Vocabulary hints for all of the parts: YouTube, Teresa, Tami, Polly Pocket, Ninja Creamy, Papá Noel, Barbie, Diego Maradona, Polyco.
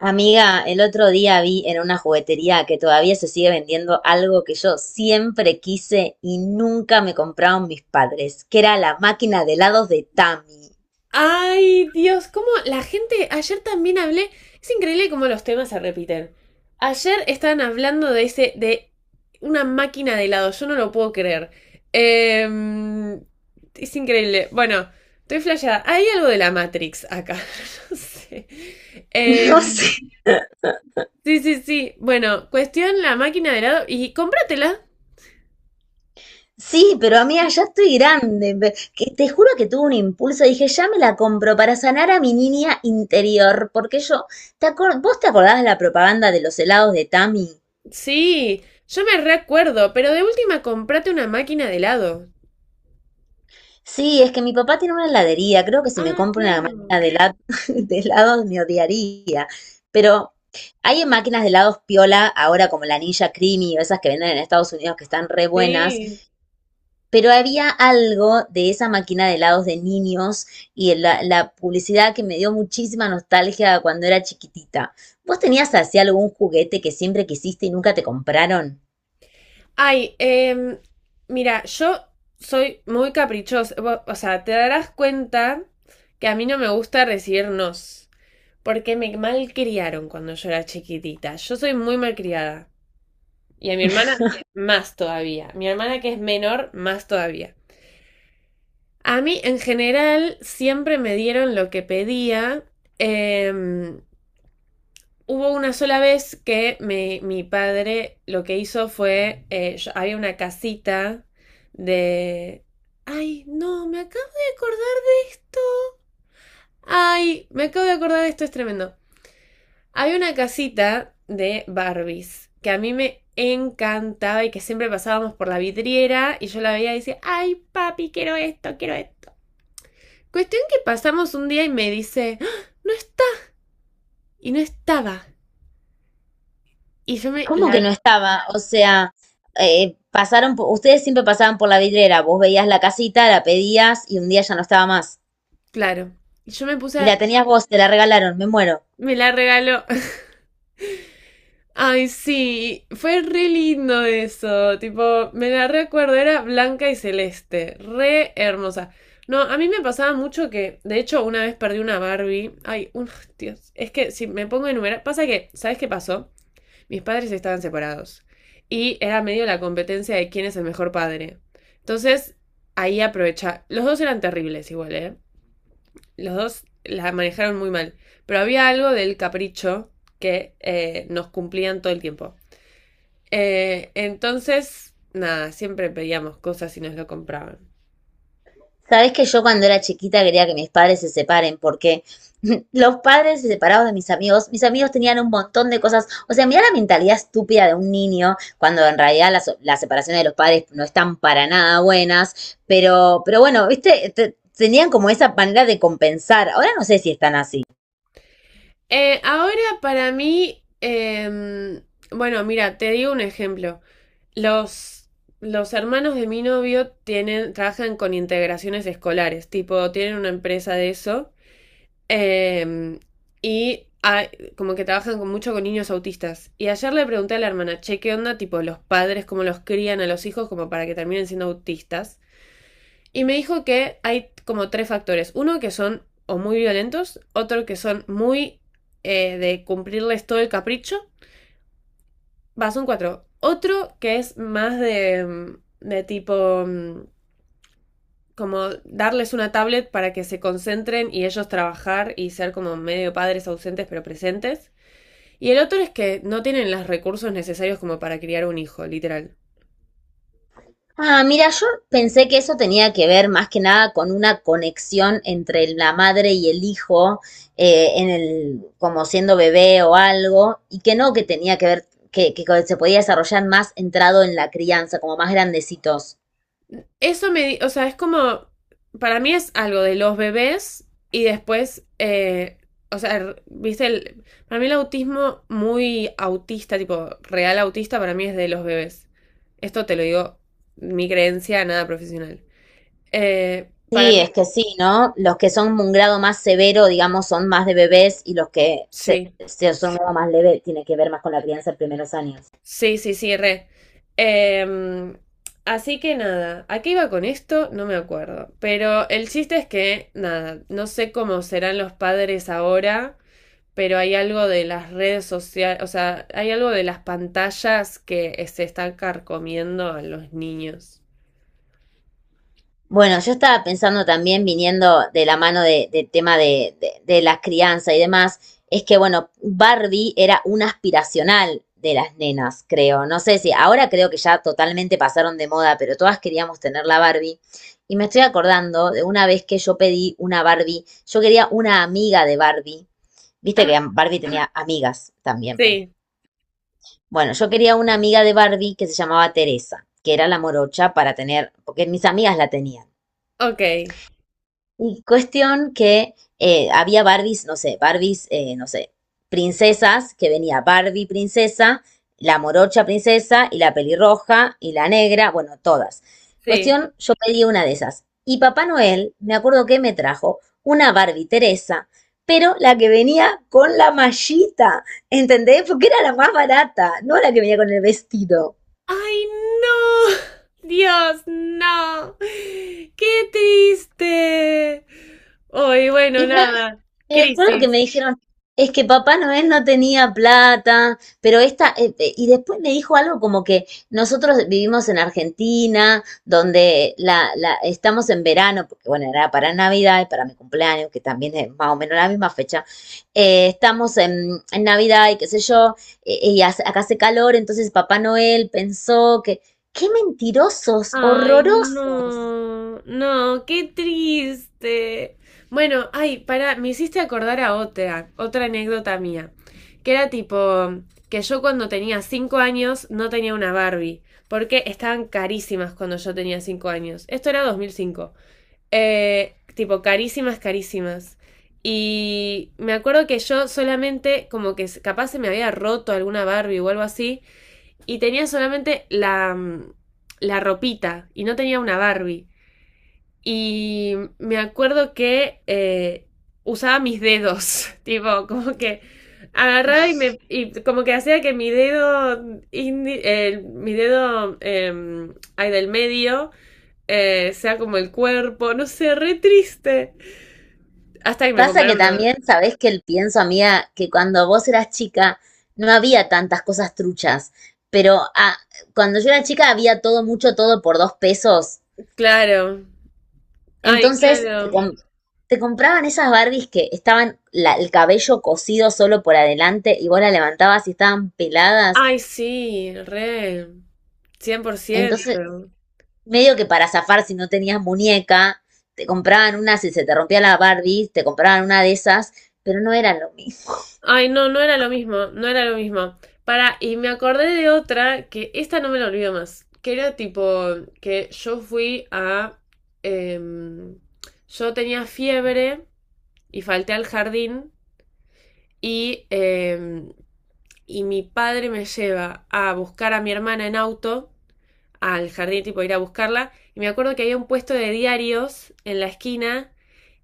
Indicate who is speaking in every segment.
Speaker 1: Amiga, el otro día vi en una juguetería que todavía se sigue vendiendo algo que yo siempre quise y nunca me compraron mis padres, que era la máquina de helados de Tami.
Speaker 2: Ay, Dios, cómo la gente, ayer también hablé, es increíble cómo los temas se repiten. Ayer estaban hablando de ese, de una máquina de helado, yo no lo puedo creer. Em, es increíble. Bueno, estoy flasheada. Hay algo de la Matrix acá, no sé. Em,
Speaker 1: No sé.
Speaker 2: sí, sí, sí. Bueno, cuestión la máquina de helado y cómpratela.
Speaker 1: Sí, pero amiga, ya estoy grande. Que te juro que tuve un impulso. Dije, ya me la compro para sanar a mi niña interior. Porque yo, ¿vos te acordás de la propaganda de los helados de Tami?
Speaker 2: Sí, yo me recuerdo, pero de última comprate una máquina de helado.
Speaker 1: Sí, es que mi papá tiene una heladería. Creo que si me
Speaker 2: Ah,
Speaker 1: compro una
Speaker 2: claro.
Speaker 1: máquina de helados me odiaría. Pero hay máquinas de helados piola ahora como la Ninja Creamy o esas que venden en Estados Unidos que están re
Speaker 2: Sí.
Speaker 1: buenas. Pero había algo de esa máquina de helados de niños y la publicidad que me dio muchísima nostalgia cuando era chiquitita. ¿Vos tenías así algún juguete que siempre quisiste y nunca te compraron?
Speaker 2: Ay, mira, yo soy muy caprichosa. O sea, te darás cuenta que a mí no me gusta recibir nos. Porque me malcriaron cuando yo era chiquitita. Yo soy muy malcriada. Y a mi hermana, más todavía. Mi hermana que es menor, más todavía. A mí, en general, siempre me dieron lo que pedía. em, Hubo una sola vez que mi padre lo que hizo fue, había una casita de... Ay, no, me acabo de acordar de esto. Ay, me acabo de acordar de esto, es tremendo. Había una casita de Barbies que a mí me encantaba y que siempre pasábamos por la vidriera y yo la veía y decía, ay, papi, quiero esto, quiero esto. Cuestión que pasamos un día y me dice, "Ah, no está". Y no estaba. Y yo
Speaker 1: ¿Cómo
Speaker 2: La,
Speaker 1: que no estaba? O sea, pasaron, ustedes siempre pasaban por la vidriera, vos veías la casita, la pedías y un día ya no estaba más.
Speaker 2: claro. Y yo me puse
Speaker 1: Y
Speaker 2: a.
Speaker 1: la tenías vos, te la regalaron, me muero.
Speaker 2: Me la regaló. Ay, sí, fue re lindo eso. Tipo, me la recuerdo, era blanca y celeste, re hermosa. No, a mí me pasaba mucho que, de hecho, una vez perdí una Barbie. Ay, un, Dios, es que si me pongo a enumerar, pasa que, ¿sabes qué pasó? Mis padres estaban separados y era medio la competencia de quién es el mejor padre. Entonces, ahí aprovecha. Los dos eran terribles igual, ¿eh? Los dos la manejaron muy mal. Pero había algo del capricho que nos cumplían todo el tiempo. Entonces, nada, siempre pedíamos cosas y nos lo compraban.
Speaker 1: Sabés que yo cuando era chiquita quería que mis padres se separen porque los padres se separados de mis amigos tenían un montón de cosas. O sea, mirá la mentalidad estúpida de un niño cuando en realidad las separaciones de los padres no están para nada buenas. Pero bueno, viste, tenían como esa manera de compensar. Ahora no sé si están así.
Speaker 2: Ahora para mí, bueno, mira, te digo un ejemplo. Los, los hermanos de mi novio tienen, trabajan con integraciones escolares, tipo, tienen una empresa de eso. Eh, y ah, como que trabajan con, mucho con niños autistas. Y ayer le pregunté a la hermana, che, ¿qué onda? Tipo, los padres, cómo los crían a los hijos como para que terminen siendo autistas. Y me dijo que hay como tres factores. Uno que son o muy violentos, otro que son muy de cumplirles todo el capricho. Va, son cuatro. Otro que es más de tipo como darles una tablet para que se concentren y ellos trabajar y ser como medio padres ausentes pero presentes. Y el otro es que no tienen los recursos necesarios como para criar un hijo, literal.
Speaker 1: Ah, mira, yo pensé que eso tenía que ver más que nada con una conexión entre la madre y el hijo, en el, como siendo bebé o algo, y que no que tenía que ver, que se podía desarrollar más entrado en la crianza, como más grandecitos.
Speaker 2: Eso me, o sea, es como, para mí es algo de los bebés y después, o sea, viste, para mí el autismo muy autista, tipo real autista, para mí es de los bebés. Esto te lo digo, mi creencia, nada profesional. Para
Speaker 1: Sí,
Speaker 2: mí,
Speaker 1: es que sí, ¿no? Los que son un grado más severo, digamos, son más de bebés y los que se,
Speaker 2: sí.
Speaker 1: se son un grado más leve tiene que ver más con la crianza en primeros años.
Speaker 2: Sí, sí, sí, re. Em, así que nada, ¿a qué iba con esto? No me acuerdo. Pero el chiste es que, nada, no sé cómo serán los padres ahora, pero hay algo de las redes sociales, o sea, hay algo de las pantallas que se están carcomiendo a los niños.
Speaker 1: Bueno, yo estaba pensando también, viniendo de la mano de tema de la crianza y demás, es que, bueno, Barbie era una aspiracional de las nenas, creo. No sé si ahora creo que ya totalmente pasaron de moda, pero todas queríamos tener la Barbie. Y me estoy acordando de una vez que yo pedí una Barbie, yo quería una amiga de Barbie. Viste que Barbie tenía amigas también.
Speaker 2: Sí,
Speaker 1: Bueno, yo quería una amiga de Barbie que se llamaba Teresa, que era la morocha para tener, porque mis amigas la tenían.
Speaker 2: ok,
Speaker 1: Y cuestión que había Barbies, no sé, princesas, que venía Barbie princesa, la morocha princesa y la pelirroja y la negra, bueno, todas.
Speaker 2: sí.
Speaker 1: Cuestión, yo pedí una de esas. Y Papá Noel, me acuerdo que me trajo una Barbie Teresa, pero la que venía con la mallita, ¿entendés? Porque era la más barata, no la que venía con el vestido.
Speaker 2: ¡Ay, no! Dios, no. ¡Qué triste! Hoy, bueno,
Speaker 1: Y me
Speaker 2: nada.
Speaker 1: Me acuerdo que
Speaker 2: Crisis.
Speaker 1: me dijeron, es que Papá Noel no tenía plata, pero esta, y después me dijo algo como que nosotros vivimos en Argentina, donde estamos en verano, porque bueno, era para Navidad y para mi cumpleaños, que también es más o menos la misma fecha, estamos en Navidad y qué sé yo, acá hace calor, entonces Papá Noel pensó que, qué mentirosos,
Speaker 2: Ay, Mm.
Speaker 1: horrorosos.
Speaker 2: no, no, qué triste. Bueno, ay, para, me hiciste acordar a otra, otra anécdota mía, que era tipo que yo cuando tenía cinco años no tenía una Barbie, porque estaban carísimas cuando yo tenía cinco años. Esto era 2005. Tipo, carísimas, carísimas. Y me acuerdo que yo solamente, como que capaz se me había roto alguna Barbie o algo así, y tenía solamente la ropita y no tenía una Barbie. Y me acuerdo que usaba mis dedos, tipo, como que agarraba y me y como que hacía que mi dedo mi dedo ahí del medio sea como el cuerpo, no sé, re triste. Hasta que me
Speaker 1: Pasa que
Speaker 2: compraron una.
Speaker 1: también, sabés que el pienso, amiga, que cuando vos eras chica no había tantas cosas truchas, pero cuando yo era chica había todo, mucho todo por dos pesos.
Speaker 2: Claro. Ay,
Speaker 1: Entonces
Speaker 2: claro.
Speaker 1: te compraban esas Barbies que estaban el cabello cosido solo por adelante y vos la levantabas y estaban peladas.
Speaker 2: Ay, sí, re. Cien por
Speaker 1: Entonces,
Speaker 2: ciento.
Speaker 1: medio que para zafar si no tenías muñeca, te compraban una, si se te rompía la Barbie, te compraban una de esas, pero no eran lo mismo.
Speaker 2: Ay, no, no era lo mismo, no era lo mismo. Para, y me acordé de otra que esta no me la olvido más, que era tipo que yo fui em, yo tenía fiebre y falté al jardín y, em, y mi padre me lleva a buscar a mi hermana en auto al jardín, tipo ir a buscarla, y me acuerdo que había un puesto de diarios en la esquina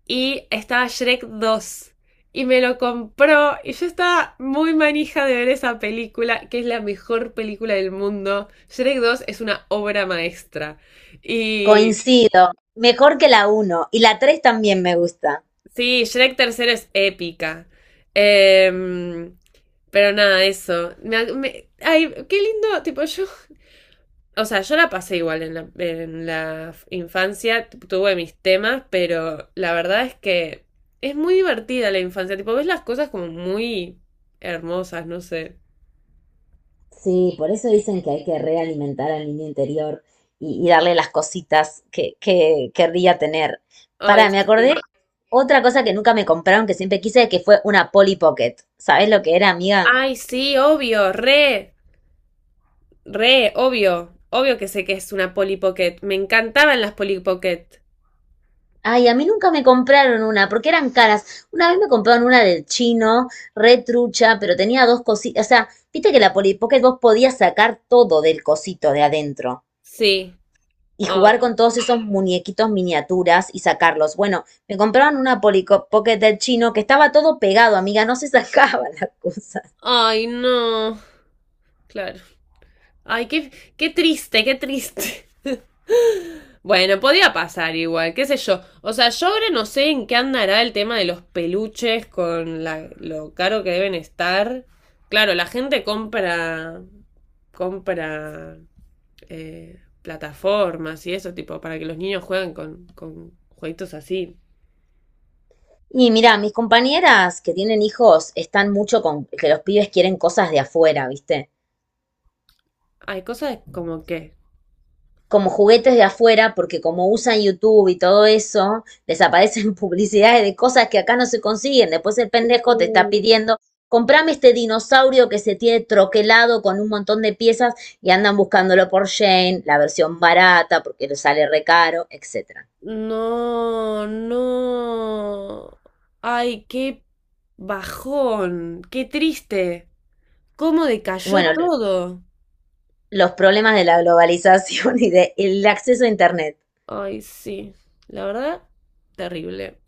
Speaker 2: y estaba Shrek dos. Y me lo compró y yo estaba muy manija de ver esa película, que es la mejor película del mundo. Shrek 2 es una obra maestra. Y
Speaker 1: Coincido, mejor que la uno y la 3 también me gusta.
Speaker 2: sí, Shrek 3 es épica. Em, pero nada, eso. Ay, qué lindo, tipo yo. O sea, yo la pasé igual en en la infancia, tuve mis temas, pero la verdad es que es muy divertida la infancia, tipo, ves las cosas como muy hermosas, no sé.
Speaker 1: Sí, por eso dicen que hay que realimentar al niño interior y darle las cositas que querría tener.
Speaker 2: Ay,
Speaker 1: Pará, me acordé
Speaker 2: sí.
Speaker 1: otra cosa que nunca me compraron, que siempre quise, que fue una Polly Pocket. ¿Sabés lo que era, amiga?
Speaker 2: Ay, sí, obvio, re, re, obvio, obvio que sé que es una Polly Pocket, me encantaban las Polly Pocket.
Speaker 1: Ay, a mí nunca me compraron una, porque eran caras. Una vez me compraron una del chino, re trucha, pero tenía dos cositas. O sea, viste que la Polly Pocket vos podías sacar todo del cosito de adentro
Speaker 2: Sí.
Speaker 1: y jugar
Speaker 2: Ay,
Speaker 1: con todos esos muñequitos miniaturas y sacarlos. Bueno, me compraron una Pocket del chino que estaba todo pegado, amiga, no se sacaban las cosas.
Speaker 2: ay, no. Claro. Ay, qué, qué triste, qué triste. Bueno, podía pasar igual, qué sé yo. O sea, yo ahora no sé en qué andará el tema de los peluches con lo caro que deben estar. Claro, la gente compra, compra plataformas y eso, tipo, para que los niños jueguen con jueguitos así.
Speaker 1: Y mira, mis compañeras que tienen hijos están mucho con que los pibes quieren cosas de afuera, ¿viste?
Speaker 2: Hay cosas como que...
Speaker 1: Como juguetes de afuera, porque como usan YouTube y todo eso, les aparecen publicidades de cosas que acá no se consiguen. Después el pendejo te está pidiendo, comprame este dinosaurio que se tiene troquelado con un montón de piezas y andan buscándolo por Shane, la versión barata, porque le sale recaro, etc.
Speaker 2: No, no. Ay, qué bajón, qué triste. ¿Cómo
Speaker 1: Y
Speaker 2: decayó
Speaker 1: bueno,
Speaker 2: todo?
Speaker 1: los problemas de la globalización y del acceso a Internet.
Speaker 2: Ay, sí, la verdad, terrible.